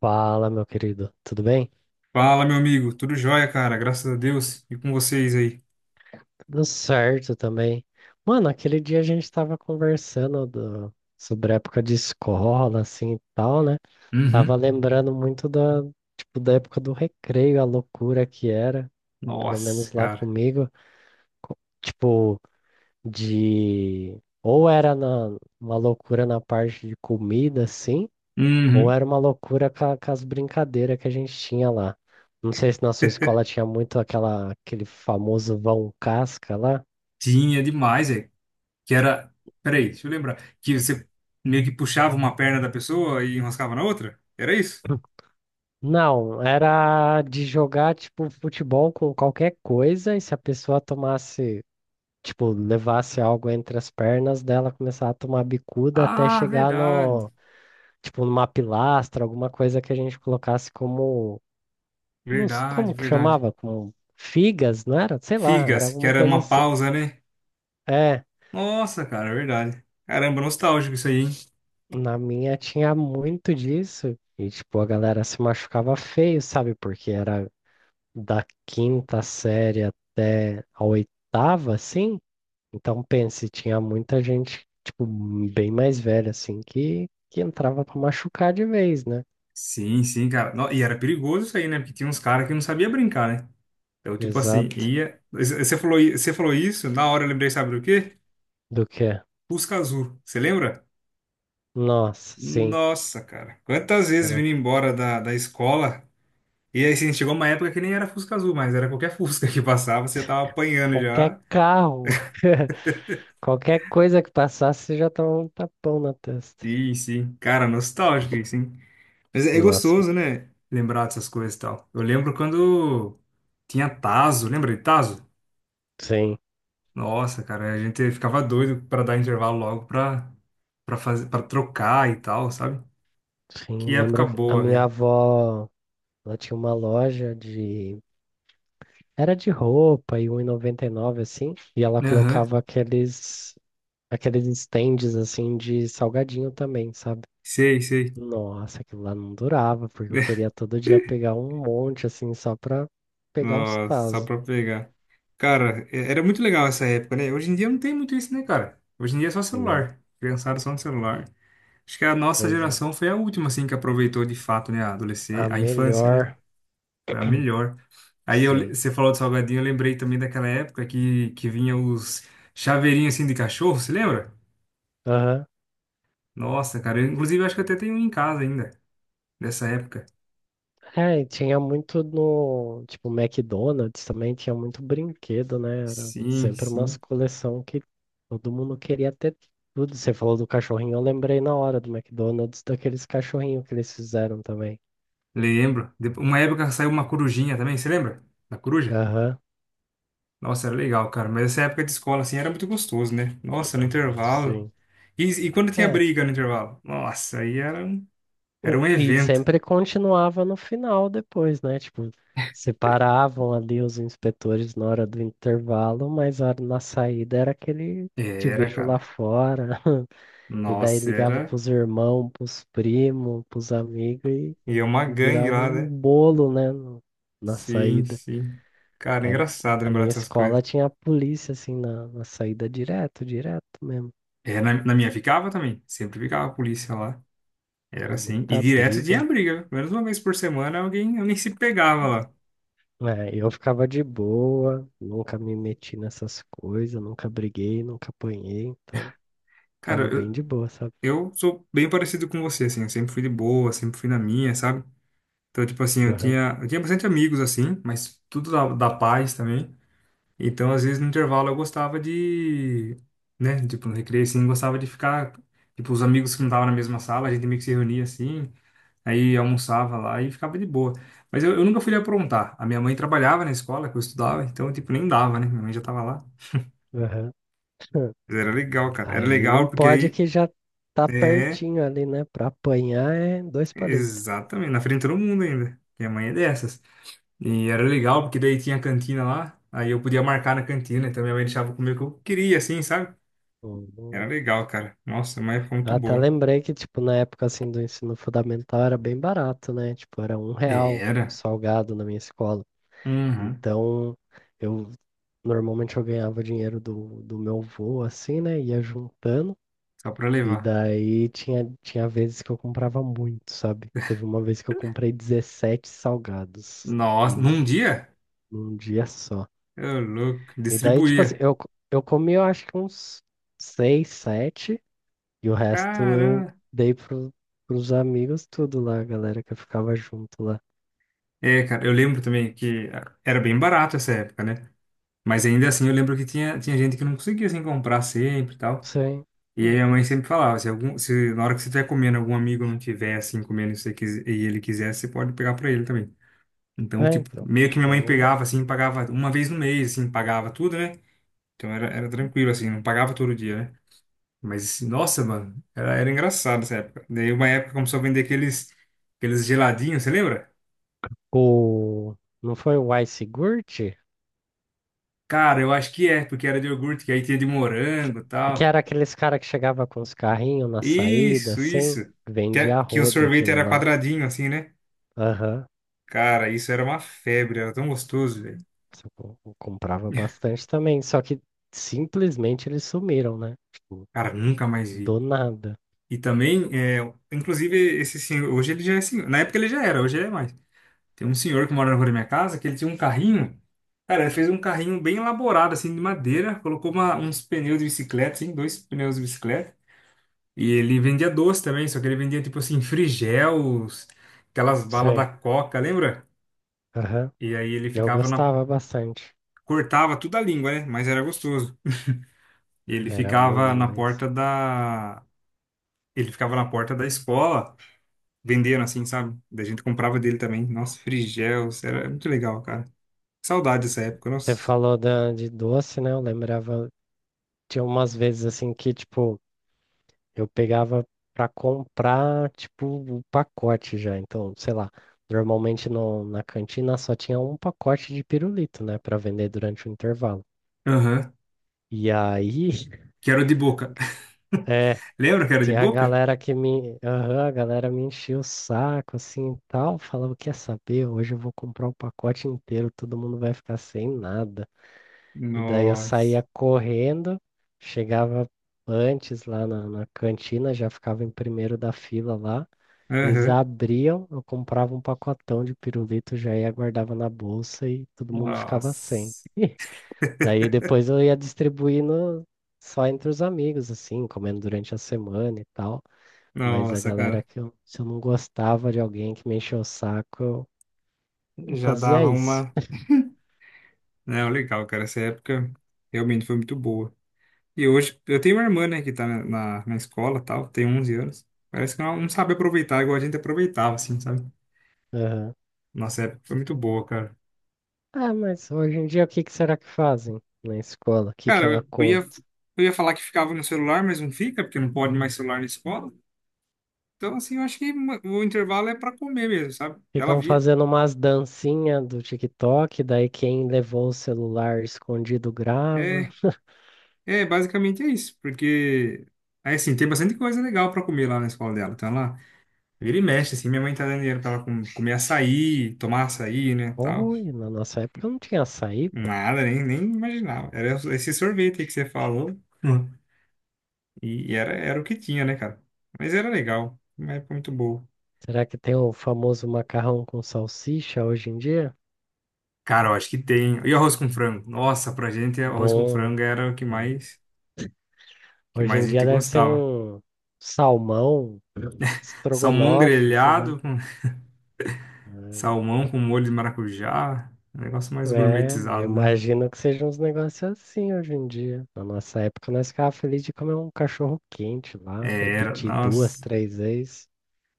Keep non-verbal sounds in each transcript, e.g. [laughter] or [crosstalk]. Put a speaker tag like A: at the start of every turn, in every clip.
A: Fala, meu querido, tudo bem?
B: Fala, meu amigo. Tudo jóia, cara. Graças a Deus. E com vocês aí?
A: Tudo certo também. Mano, aquele dia a gente tava conversando sobre a época de escola, assim e tal, né? Tava
B: Uhum.
A: lembrando muito tipo, da época do recreio, a loucura que era, pelo
B: Nossa,
A: menos lá
B: cara.
A: comigo, tipo, de. Ou era na, uma loucura na parte de comida, assim. Ou
B: Uhum.
A: era uma loucura com, com as brincadeiras que a gente tinha lá. Não sei se na sua escola tinha muito aquele famoso vão casca lá.
B: Tinha demais, é. Que era. Peraí, deixa eu lembrar. Que você meio que puxava uma perna da pessoa e enroscava na outra? Era isso?
A: Não, era de jogar tipo futebol com qualquer coisa e se a pessoa tomasse, tipo, levasse algo entre as pernas dela, começar a tomar bicuda até
B: Ah,
A: chegar
B: verdade.
A: no, tipo, numa pilastra, alguma coisa que a gente colocasse como, não s- como
B: Verdade,
A: que
B: verdade.
A: chamava? Como figas, não era? Sei lá, era
B: Figas, que
A: alguma
B: era
A: coisa
B: uma
A: assim.
B: pausa, né?
A: É.
B: Nossa, cara, verdade. Caramba, nostálgico isso aí, hein?
A: Na minha tinha muito disso. E, tipo, a galera se machucava feio, sabe? Porque era da quinta série até a oitava, assim. Então, pense, tinha muita gente, tipo, bem mais velha, assim, que entrava pra machucar de vez, né?
B: Sim, sim, cara. E era perigoso isso aí, né? Porque tinha uns caras que não sabia brincar, né? Eu, tipo assim,
A: Exato.
B: ia. Você falou, você falou isso, na hora eu lembrei, sabe do quê?
A: Do que?
B: Fusca Azul. Você lembra?
A: Nossa, sim.
B: Nossa, cara. Quantas vezes
A: Era
B: vindo embora da escola. E aí, assim, chegou uma época que nem era Fusca Azul, mas era qualquer [laughs] Fusca que passava, você tava apanhando
A: qualquer
B: já.
A: carro, [laughs] qualquer coisa que passasse, você já tomava um tapão na testa.
B: Sim, sim. Cara, nostálgico isso, hein? Mas é
A: Nossa,
B: gostoso, né? Lembrar dessas coisas e tal. Eu lembro quando tinha Tazo, lembra de Tazo?
A: sim.
B: Nossa, cara, a gente ficava doido pra dar intervalo logo pra, pra, fazer, pra trocar e tal, sabe?
A: Sim,
B: Que época
A: lembro que a
B: boa,
A: minha
B: velho.
A: avó. Ela tinha uma loja de. Era de roupa e 1,99 assim. E ela
B: Aham.
A: colocava aqueles. Aqueles stands assim de salgadinho também, sabe?
B: Sei, sei.
A: Nossa, aquilo lá não durava, porque eu queria todo dia
B: [laughs]
A: pegar um monte assim só pra pegar os
B: Nossa, só
A: tazos.
B: pra pegar. Cara, era muito legal essa época, né? Hoje em dia não tem muito isso, né, cara? Hoje em dia é só
A: Não,
B: celular. Criançada só no celular. Acho que a nossa
A: pois é.
B: geração foi a última, assim, que aproveitou de fato, né? A
A: A
B: adolescência, a infância, né?
A: melhor,
B: Foi a melhor. Aí eu,
A: sim.
B: você falou do salgadinho, eu lembrei também daquela época que vinha os chaveirinhos, assim, de cachorro, você lembra?
A: Aham.
B: Nossa, cara, eu, inclusive acho que eu até tenho um em casa ainda, dessa época.
A: É, e tinha muito no, tipo, McDonald's também tinha muito brinquedo, né? Era
B: Sim,
A: sempre umas
B: sim.
A: coleção que todo mundo queria ter tudo. Você falou do cachorrinho, eu lembrei na hora do McDonald's daqueles cachorrinhos que eles fizeram também.
B: Lembro. Uma época saiu uma corujinha também, você lembra? Da coruja?
A: Aham,
B: Nossa, era legal, cara. Mas essa época de escola, assim, era muito gostoso, né? Nossa, no intervalo.
A: sim.
B: E quando tinha
A: É,
B: briga no intervalo? Nossa, aí era um
A: e
B: evento.
A: sempre continuava no final depois, né? Tipo, separavam ali os inspetores na hora do intervalo, mas a na saída era aquele te
B: Era,
A: vejo lá
B: cara.
A: fora. [laughs] E daí
B: Nossa,
A: ligava
B: era.
A: pros irmãos, pros primos, pros amigos e
B: E é uma
A: e
B: gangue
A: virava
B: lá,
A: um
B: né?
A: bolo, né, na
B: Sim,
A: saída.
B: sim. Cara, é
A: Era,
B: engraçado
A: na
B: lembrar
A: minha
B: dessas
A: escola
B: coisas.
A: tinha a polícia, assim, na saída direto, direto mesmo.
B: É, na minha ficava também. Sempre ficava a polícia lá.
A: Era
B: Era assim. E
A: muita
B: direto tinha
A: briga.
B: briga. Viu? Menos uma vez por semana alguém, alguém se pegava lá.
A: É, eu ficava de boa, nunca me meti nessas coisas, nunca briguei, nunca apanhei, então ficava bem
B: Cara,
A: de boa, sabe?
B: eu sou bem parecido com você, assim, eu sempre fui de boa, sempre fui na minha, sabe? Então, tipo assim,
A: Aham,
B: eu tinha bastante amigos, assim, mas tudo da paz também. Então, às vezes, no intervalo, eu gostava de, né, tipo, no recreio, assim, gostava de ficar, tipo, os amigos que não estavam na mesma sala, a gente meio que se reunia, assim, aí almoçava lá e ficava de boa. Mas eu nunca fui de aprontar. A minha mãe trabalhava na escola que eu estudava, então, tipo, nem dava, né? Minha mãe já tava lá.
A: aham. [laughs]
B: Mas era legal, cara. Era
A: Aí não
B: legal porque
A: pode
B: aí...
A: que já tá
B: É.
A: pertinho ali, né? Pra apanhar é dois palitos.
B: Exatamente, na frente de todo mundo ainda. Minha mãe é dessas. E era legal, porque daí tinha a cantina lá, aí eu podia marcar na cantina, então minha mãe deixava eu comer o que eu queria, assim, sabe? Era
A: Uhum.
B: legal, cara. Nossa, é uma época muito
A: Até
B: boa.
A: lembrei que, tipo, na época, assim, do ensino fundamental era bem barato, né? Tipo, era R$1
B: Era.
A: salgado na minha escola.
B: Uhum.
A: Então, eu normalmente eu ganhava o dinheiro do meu avô, assim, né? Ia juntando.
B: Só pra
A: E
B: levar.
A: daí tinha, tinha vezes que eu comprava muito, sabe? Teve uma vez que eu comprei 17 salgados
B: Nossa, num
A: num,
B: dia?
A: num dia só.
B: Eu louco,
A: E daí, tipo assim,
B: distribuía.
A: eu, eu comi, eu acho que uns 6 7 E o resto eu
B: Caramba.
A: dei pro, pros amigos tudo lá, a galera que eu ficava junto lá.
B: É, cara, eu lembro também que era bem barato essa época, né? Mas ainda assim eu lembro que tinha gente que não conseguia, assim, comprar sempre e tal.
A: Sim.
B: E
A: Ué.
B: aí a mãe sempre falava, se, algum, se na hora que você estiver comendo, algum amigo não tiver assim comendo e você e ele quiser, você pode pegar pra ele também. Então,
A: É,
B: tipo,
A: então.
B: meio que minha mãe
A: Eu...
B: pegava assim, pagava uma vez no mês, assim, pagava tudo, né? Então era, era tranquilo, assim, não pagava todo dia, né? Mas, assim, nossa, mano, era, era engraçado essa época. Daí uma época começou a vender aqueles, aqueles geladinhos, você lembra?
A: O... Não foi o Ice Gurt?
B: Cara, eu acho que é, porque era de iogurte, que aí tinha de
A: Que,
B: morango e
A: que
B: tal.
A: era aqueles cara que chegava com os carrinhos na saída,
B: Isso,
A: assim.
B: isso. Que, é,
A: Vendia a
B: que o
A: rodo
B: sorvete
A: aquilo
B: era
A: lá.
B: quadradinho, assim, né?
A: Aham.
B: Cara, isso era uma febre, era tão gostoso, velho.
A: Só que eu comprava bastante também. Só que simplesmente eles sumiram, né? Tipo,
B: Cara, nunca mais vi.
A: do nada.
B: E também, é, inclusive, esse senhor, hoje ele já é senhor. Na época ele já era, hoje ele é mais. Tem um senhor que mora na rua da minha casa, que ele tinha um carrinho. Cara, ele fez um carrinho bem elaborado, assim, de madeira. Colocou uns pneus de bicicleta, assim, dois pneus de bicicleta. E ele vendia doce também, só que ele vendia, tipo assim, frigels, aquelas balas da
A: Sim.
B: Coca, lembra?
A: Aham.
B: E aí ele
A: Eu
B: ficava na...
A: gostava bastante.
B: Cortava tudo a língua, né? Mas era gostoso.
A: E
B: Ele
A: era bom
B: ficava na
A: demais.
B: porta da... Ele ficava na porta da escola, vendendo assim, sabe? Daí a gente comprava dele também. Nossa, Frigels, era muito legal, cara. Saudade dessa época,
A: Você
B: nossa.
A: falou de doce, né? Eu lembrava, tinha umas vezes assim que, tipo, eu pegava pra comprar, tipo, o pacote já. Então, sei lá, normalmente no, na cantina só tinha um pacote de pirulito, né, pra vender durante o intervalo.
B: Aham,
A: E aí, [laughs]
B: que era o de boca. [laughs]
A: é,
B: Lembra que era de
A: tinha a
B: boca?
A: galera que me, aham, a galera me enchia o saco, assim, e tal, falava, quer saber, hoje eu vou comprar o pacote inteiro, todo mundo vai ficar sem nada. E daí eu
B: Nossa.
A: saía correndo, chegava antes lá na cantina, já ficava em primeiro da fila lá. Eles
B: Aham.
A: abriam, eu comprava um pacotão de pirulito, já ia, guardava na bolsa e todo mundo ficava sem.
B: Nossa.
A: Daí depois eu ia distribuindo só entre os amigos, assim, comendo durante a semana e tal. Mas a
B: Nossa,
A: galera
B: cara.
A: que eu, se eu não gostava de alguém que me encheu o saco, eu
B: Já
A: fazia
B: dava
A: isso.
B: uma. Não, legal, cara. Essa época realmente foi muito boa. E hoje, eu tenho uma irmã, né, que tá na, na, na escola e tal, tem 11 anos. Parece que ela não sabe aproveitar igual a gente aproveitava, assim, sabe? Nossa época foi muito boa, cara.
A: Ah, mas hoje em dia o que que será que fazem na escola? O que que ela
B: Cara,
A: conta?
B: eu ia falar que ficava no celular, mas não fica, porque não pode mais celular na escola. Então, assim, eu acho que o intervalo é para comer mesmo, sabe? Ela
A: Ficam
B: via.
A: fazendo umas dancinhas do TikTok, daí quem levou o celular escondido grava.
B: É, é, basicamente é isso, porque. Aí, assim, tem bastante coisa legal para comer lá na escola dela. Então, ela vira e mexe, assim, minha mãe tá dando dinheiro pra ela comer açaí, tomar açaí, né, tal.
A: Oi, na nossa época não tinha açaí, pô.
B: Nada, nem, nem imaginava. Era esse sorvete aí que você falou. [laughs] E, era o que tinha, né, cara? Mas era legal, uma época muito boa.
A: Será que tem o famoso macarrão com salsicha hoje em dia?
B: Cara, eu acho que tem. E arroz com frango? Nossa, pra gente, arroz com
A: Bom,
B: frango era o que
A: hoje em
B: mais a
A: dia
B: gente
A: deve ser
B: gostava.
A: um salmão,
B: Salmão
A: estrogonofe, sei lá.
B: grelhado, com [laughs] salmão com molho de maracujá, um negócio mais
A: É, eu
B: gourmetizado, né?
A: imagino que sejam uns negócios assim hoje em dia. Na nossa época, nós ficávamos felizes de comer um cachorro quente
B: É,
A: lá,
B: era,
A: repetir duas,
B: nossa.
A: três vezes.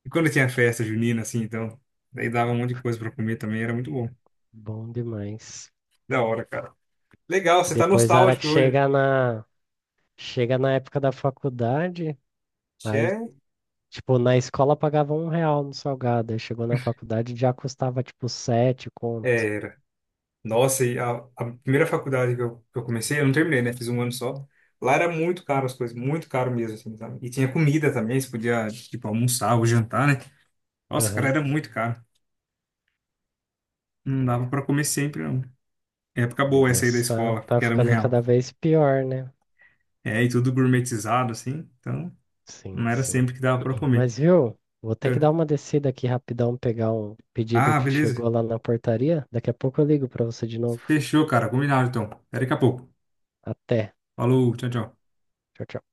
B: E quando tinha festa junina, assim, então, daí dava um monte de coisa pra comer também, era muito bom.
A: Bom demais.
B: Da hora, cara. Legal,
A: E
B: você tá
A: depois, a hora que
B: nostálgico hoje.
A: chega na época da faculdade,
B: Tchê.
A: aí, tipo, na escola pagava R$1 no salgado, aí chegou na faculdade já custava, tipo, 7 conto.
B: É, nossa, e a primeira faculdade que eu comecei, eu não terminei, né? Fiz um ano só. Lá era muito caro as coisas, muito caro mesmo, assim, sabe? E tinha comida também, você podia, tipo, almoçar ou jantar, né? Nossa, cara,
A: Aham.
B: era muito caro. Não dava
A: É,
B: pra comer sempre, não. Época
A: o
B: boa essa aí da
A: negócio
B: escola,
A: tá
B: que era um
A: ficando
B: real.
A: cada vez pior, né?
B: É, e tudo gourmetizado, assim, então não
A: Sim,
B: era
A: sim.
B: sempre que dava pra comer.
A: Mas viu, vou ter que
B: É.
A: dar uma descida aqui rapidão, pegar um pedido
B: Ah,
A: que
B: beleza.
A: chegou lá na portaria. Daqui a pouco eu ligo pra você de novo.
B: Fechou, cara, combinado, então. Até daqui a pouco.
A: Até.
B: Falou, tchau, tchau.
A: Tchau, tchau.